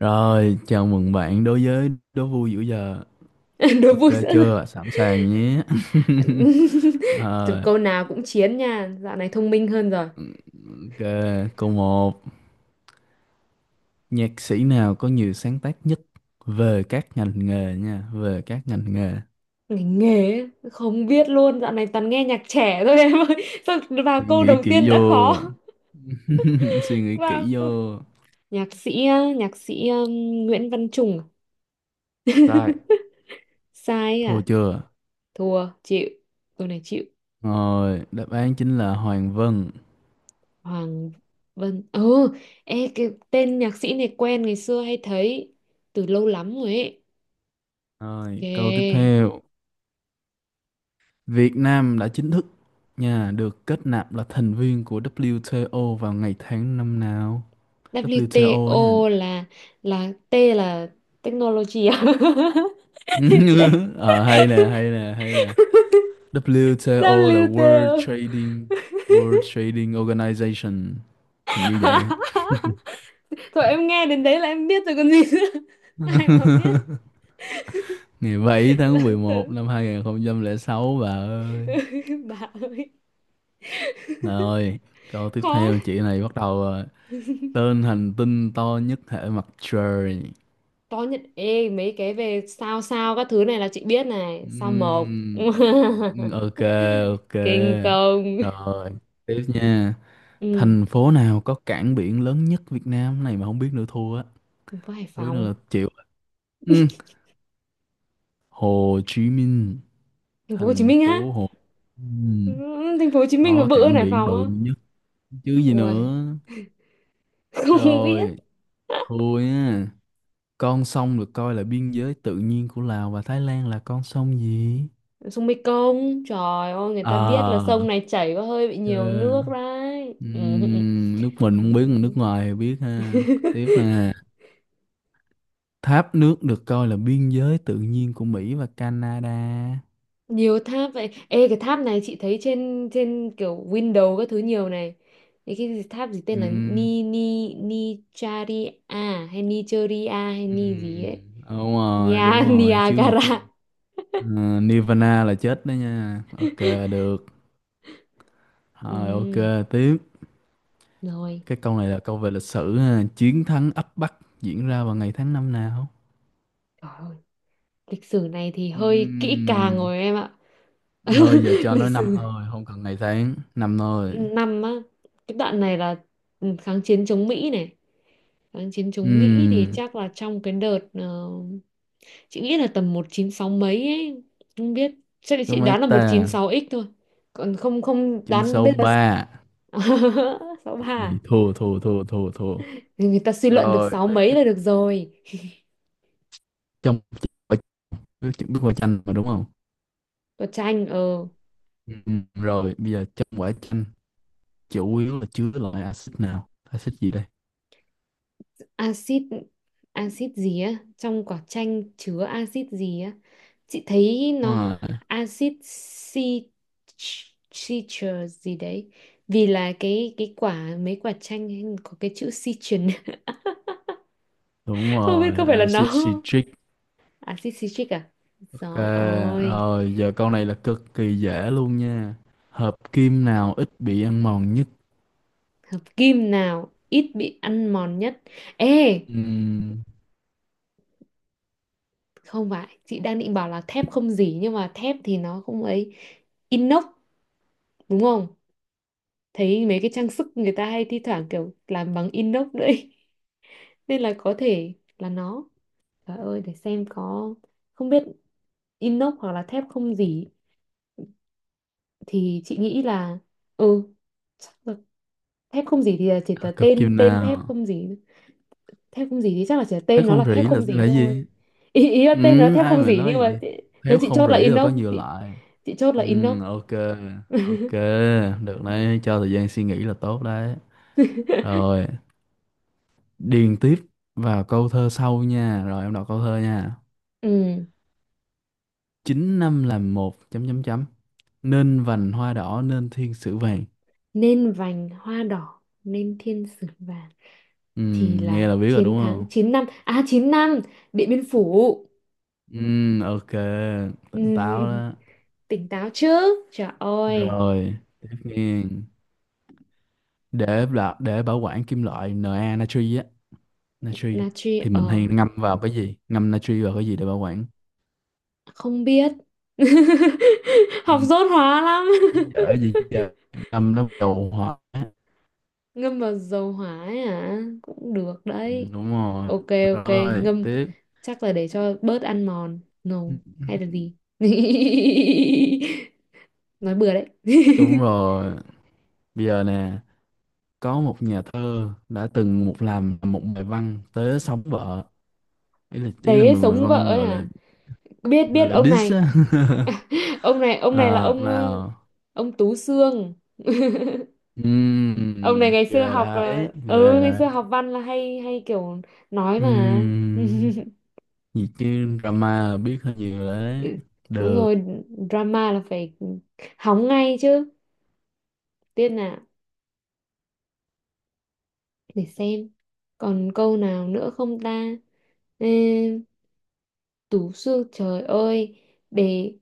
Rồi, chào mừng bạn đối với đố vui giữa giờ. Đố Ok vui sữa rồi. chưa? Sẵn sàng nhé. Từ Rồi, câu nào cũng chiến nha, dạo này thông minh hơn rồi. ok, câu một. Nhạc sĩ nào có nhiều sáng tác nhất về các ngành nghề nha, về các ngành nghề. Ngành nghề ấy, không biết luôn, dạo này toàn nghe nhạc trẻ thôi em ơi. Sao vào Suy câu nghĩ đầu tiên kỹ đã vô. khó. Suy nghĩ vào kỹ câu... vô. Nhạc sĩ á, nhạc sĩ Nguyễn Văn Trùng à? Sai. Sai Thua à? chưa? Thua, chịu. Câu này chịu. Rồi, đáp án chính là Hoàng Vân. Hoàng Vân. Ừ, ê cái tên nhạc sĩ này quen, ngày xưa hay thấy từ lâu lắm rồi ấy. Rồi, câu tiếp Kìa. theo. Việt Nam đã chính thức nha, được kết nạp là thành viên của WTO vào ngày tháng năm nào? WTO WTO nha. là T là technology à? Ờ, hay nè, hay nè, hay nè. WTO là World WTO. Trading, World Trading Organization. Hình như vậy á. Thôi em nghe đến đấy là em biết rồi còn gì nữa. Ai mà biết, Ngày 7 là tháng 11 tưởng. năm 2006 bà ơi. Bà ơi, Rồi, câu tiếp khó. theo, chị này bắt đầu rồi. Tên hành tinh to nhất hệ mặt trời. Có nhận, ê mấy cái về sao, sao các thứ này là chị biết này, sao mộc. Ừm, ok, ok, Kinh không? rồi tiếp nha. Ừ, Thành phố nào có cảng biển lớn nhất Việt Nam? Cái này mà không biết nữa thua á. thành phố Hải Không biết nữa Phòng, là chịu, ừ. Hồ Chí Minh, thành phố Hồ Chí thành Minh á. phố Hồ Chí, Ừ, thành phố Hồ Chí Minh mà có bự hơn cảng Hải biển Phòng bự á? nhất chứ gì nữa. Ui, không biết. Rồi, thua nha. Con sông được coi là biên giới tự nhiên của Lào và Thái Lan là con sông gì? Sông Mekong, trời ơi, người ta biết là À, sông này chảy có hơi bị ok. nhiều nước đấy. Ừ. Nước mình không biết, nước ngoài thì biết ha. Tiếp nè. Tháp nước được coi là biên giới tự nhiên của Mỹ và Canada. Nhiều tháp vậy, ê cái tháp này chị thấy trên trên kiểu window các thứ nhiều này. Tháp gì tên là Ừm, ni ni ni charia hay nigeria hay ni gì ừm, ấy. Đúng rồi, đúng Nia. rồi. Niagara. Ờ, Nirvana là chết đó nha. Ok, được. Ừ. Rồi, ok, tiếp. Rồi, Cái câu này là câu về lịch sử ha. Chiến thắng ấp Bắc diễn ra vào ngày tháng năm nào? trời ơi. Lịch sử này thì hơi kỹ càng Ừm, rồi em ạ. Nơi giờ cho Lịch nói năm sử, thôi, không cần ngày tháng. Năm thôi. năm á. Cái đoạn này là, ừ, kháng chiến chống Mỹ này, kháng chiến chống Mỹ thì Ừm, chắc là trong cái đợt, chị nghĩ là tầm 196 mấy ấy, không biết, chắc là chị Đúng mấy đoán là một chín ta? sáu x thôi, còn không không đoán bây giờ. 963. Chị Ba. này thua, thua, thua, thua, thua Người ta suy luận được rồi. sáu mấy là được rồi. Trong, chuẩn bị quả chanh mà đúng không? Có tranh. Ờ Ừ. Ừ, rồi bây giờ trong quả chanh chủ yếu là chứa loại axit nào, axit gì đây? axit axit gì á, trong quả chanh chứa axit gì á. Chị thấy nó Đúng rồi, axit citral gì đấy, vì là cái quả mấy quả chanh ấy có cái chữ citrin. đúng Không biết rồi. có phải là nó Axit không? citric. Axit citric à. Ok, Rồi ôi. rồi giờ câu này là cực kỳ dễ luôn nha. Hợp kim nào ít bị ăn mòn nhất? Hợp kim nào ít bị ăn mòn nhất? Ê, Ừm, không phải chị đang định bảo là thép không dỉ, nhưng mà thép thì nó không ấy. Inox, đúng không? Thấy mấy cái trang sức người ta hay thi thoảng kiểu làm bằng inox đấy. Nên là có thể là nó. Trời ơi, để xem có, không biết. Inox hoặc là thép không gì, thì chị nghĩ là, ừ, chắc là, thép không gì thì là chỉ là hợp tên kim tên thép nào không gì. Thép không gì thì chắc là chỉ là thấy tên nó là không thép rỉ không gì là gì. thôi. Ý là tên nó là Ừ, thép ai không mà gì, nói nhưng mà vậy. chị, theo Héo chị không chốt là rỉ là có inox nhiều chị loại. chị chốt là Ừ, inox. ok, ok, được đấy, cho thời gian suy nghĩ là tốt đấy. Rồi, điền tiếp vào câu thơ sau nha, rồi em đọc câu thơ nha. Ừ, Chín năm làm một, chấm chấm chấm, nên vành hoa đỏ nên thiên sử vàng. nên vành hoa đỏ nên thiên sứ vàng, Ừ, thì là nghe là biết rồi chiến đúng thắng không? 9 năm à 9 năm Điện Biên Phủ. Ừ, ok, tỉnh táo Ừ, đó. tỉnh táo chứ. Trời ơi. Rồi, tiếp nghe. Để bảo quản kim loại Na, natri á, natri thì Natri mình hay ngâm vào cái gì? Ngâm natri vào cái gì để bảo quản? không biết. Học dốt hóa lắm. Dở gì trời, năm nó đầu hóa. Ngâm vào dầu hỏa ấy hả, cũng được Ừ, đấy. đúng rồi. Ok, ok. Rồi Ngâm tiếp. chắc là để cho bớt ăn mòn no, hay là gì. Nói bừa đấy. Đúng rồi, bây giờ nè, có một nhà thơ đã từng làm một bài văn tới sống vợ, ý là Tế mình bài sống vợ văn ấy gọi là, à? Biết, gọi biết là ông diss này. á. Ông này, ông này là À, ông, nào. ông Tú Xương. Ông này Ghê đấy, ghê ngày đấy. xưa học văn là hay hay kiểu nói mà. Ừm, gì chứ drama là biết hơi nhiều đấy. Ừ, đúng Được. rồi. Drama là phải hóng ngay chứ. Tiên nào, để xem còn câu nào nữa không ta. Ê, Tú Xương trời ơi. Để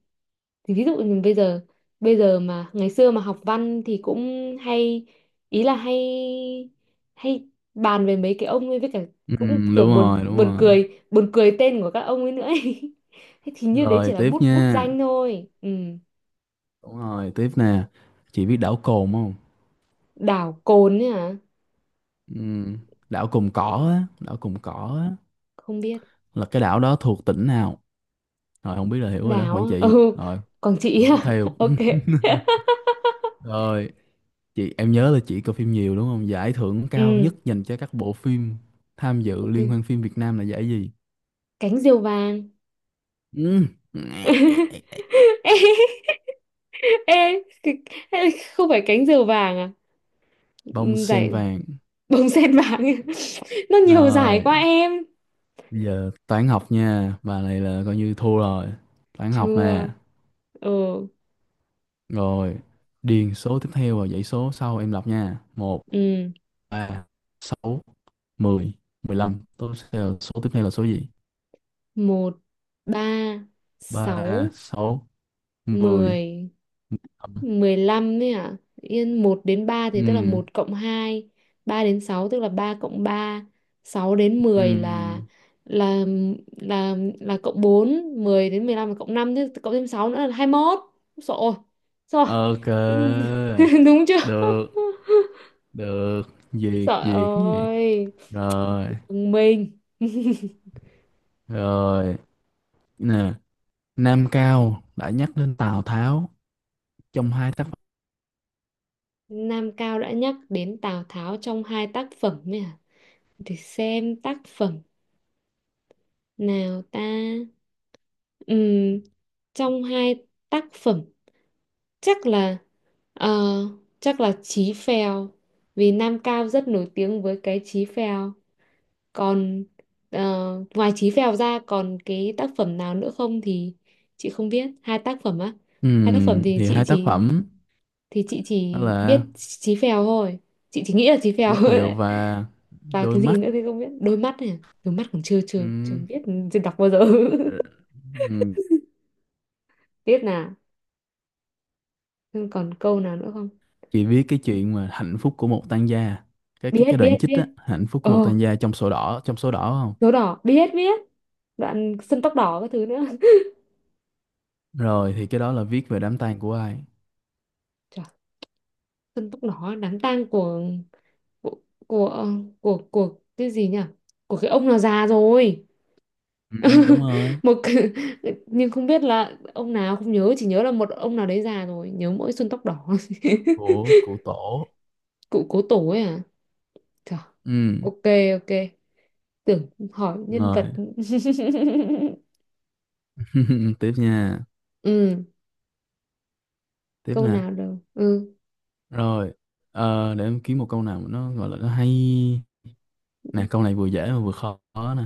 thì, ví dụ như bây giờ mà ngày xưa mà học văn thì cũng hay, ý là hay hay bàn về mấy cái ông ấy với cả, cũng kiểu Đúng buồn rồi, đúng buồn rồi. cười, buồn cười tên của các ông ấy nữa ấy. Thế thì như đấy Rồi chỉ là tiếp bút bút nha. danh thôi. Ừ. Đúng rồi, tiếp nè. Chị biết đảo Cồn không? Đảo Cồn ấy hả? Ừm, Đảo Cồn Cỏ Ừ, á, đảo Cồn Cỏ á, không biết. là cái đảo đó thuộc tỉnh nào? Rồi không biết là hiểu rồi đó, Đảo Quảng á? Trị. Ừ. Rồi, Quảng Trị câu à? tiếp theo. Ok. Rồi, chị em nhớ là chị coi phim nhiều đúng không? Giải thưởng cao nhất Ừ. dành cho các bộ phim tham dự liên Ok. hoan phim Việt Nam là giải gì? Cánh diều vàng. Ừm, Ê, ê, cái- ê, không phải cánh diều vàng à? Bông Ừ, sen giải vàng. bông sen vàng. Nó nhiều Rồi, giải quá em. bây giờ toán học nha. Bà này là coi như thua rồi. Toán học nè. Chưa. ờ Rồi, điền số tiếp theo và dãy số sau em đọc nha. Một, ừ. ba, sáu, mười, mười lăm. Tiếp theo số tiếp theo là số gì? Một, ba, Ba, sáu, sáu, mười. 10, 15 đấy à? Yên, một đến ba thì tức là Ừm, một cộng hai, ba đến sáu tức là ba cộng ba, sáu đến 10 ừm, là là cộng bốn, 10 đến 15 là cộng năm, thế cộng thêm sáu nữa là 21. Sợ rồi. ok. Đúng chưa? Được, được. Duyệt, Trời duyệt, duyệt. ơi. Rồi, Thông minh. rồi. Nè, Nam Cao đã nhắc đến Tào Tháo trong hai tác phẩm. Nam Cao đã nhắc đến Tào Tháo trong hai tác phẩm nhỉ? Để xem tác phẩm nào ta. Ừm, trong hai tác phẩm chắc là, ờ, chắc là Chí Phèo vì Nam Cao rất nổi tiếng với cái Chí Phèo. Còn, ngoài Chí Phèo ra còn cái tác phẩm nào nữa không thì chị không biết. Hai tác phẩm á? Hai tác phẩm thì Thì chị hai tác chỉ phẩm thì chị chỉ đó biết là Chí Phèo thôi, chị chỉ nghĩ là Chí Phèo Chí thôi Phèo đấy. và Và Đôi cái gì Mắt. nữa thì không biết, đôi mắt này à? Đôi mắt còn chưa chưa chưa Ừm. biết, chưa đọc bao giờ. Ờ, ừm, Biết nào. Nhưng còn câu nào nữa không? chị biết cái chuyện mà hạnh phúc của một tang gia, cái cái Biết, cái đoạn biết, chích á, biết. hạnh phúc của một tang Ồ, gia trong sổ đỏ, trong sổ đỏ không? số đỏ, biết, biết đoạn sân tóc đỏ các thứ nữa. Rồi thì cái đó là viết về đám tang của ai? Trời, sân tóc đỏ, đám tang của của ờ, của cái gì nhỉ, của cái ông nào già rồi. Ừ, đúng rồi, một cái- nhưng không biết là ông nào, không nhớ, chỉ nhớ là một ông nào đấy già rồi, nhớ mỗi xuân tóc đỏ. Của tổ. Cụ cố tổ ấy à? Trời, Ừ ok, ok. Tưởng hỏi nhân vật. rồi. Tiếp nha, Ừ, tiếp câu nè. nào đâu. Ừ. Rồi, ờ, để em kiếm một câu nào mà nó gọi là nó hay. Nè câu này vừa dễ mà vừa khó nè.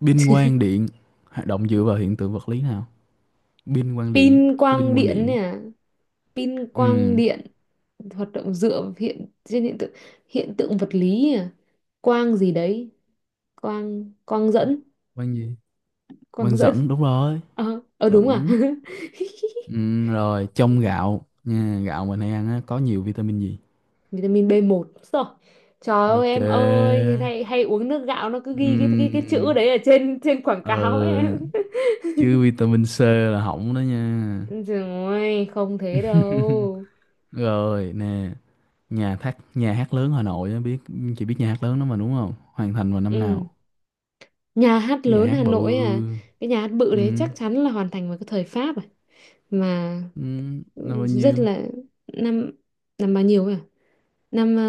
Binh quang điện hoạt động dựa vào hiện tượng vật lý nào? Binh quang điện, Pin cái binh quang quang điện điện này á. à? Pin Ừ, quang điện hoạt động dựa trên hiện tượng vật lý à? Quang gì đấy? Quang quang dẫn, quang gì? quang Quang dẫn. dẫn đúng rồi. Đúng à? Chuẩn. Ừ, rồi trong gạo nha, gạo mình hay ăn á, có nhiều vitamin gì? Vitamin B1, rồi, trời ơi Ok. em ơi, người này hay uống nước gạo nó cứ ghi cái chữ Ừm, đấy ở trên trên quảng ờ, cáo ấy em. chứ vitamin C là hỏng đó nha. Trời ơi, không thế đâu. Rồi nè, nhà hát, nhà hát lớn Hà Nội á, biết, chị biết nhà hát lớn đó mà đúng không, hoàn thành vào năm nào? Ừ. Nhà hát Cái nhà lớn hát Hà bự. Nội à, cái nhà hát bự đấy Ừ, chắc chắn là hoàn thành vào cái thời Pháp à. Mà ừ, năm bao rất nhiêu? là, năm, năm bao nhiêu ấy à? Năm ờ,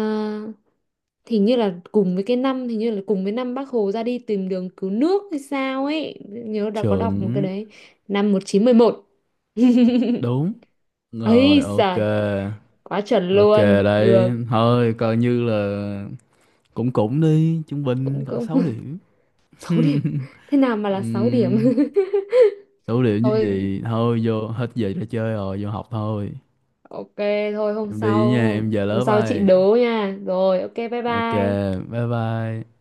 hình như là cùng với năm Bác Hồ ra đi tìm đường cứu nước hay sao ấy. Nhớ đã có đọc một cái Chuẩn, đấy, năm 1911. đúng rồi. Ấy Ok, giời, quá chuẩn ok, luôn. Được, đấy thôi coi như là cũng cũng đi trung bình cũng cỡ cũng 6 điểm. 6 điểm. Thế nào mà là 6 điểm? Ừm, 6 điểm như Thôi. vậy thôi, vô hết giờ ra chơi rồi vô học thôi. Ok, thôi Em đi nha, em về hôm lớp sau chị ai. đố nha. Rồi ok, bye Ok, bye. bye bye.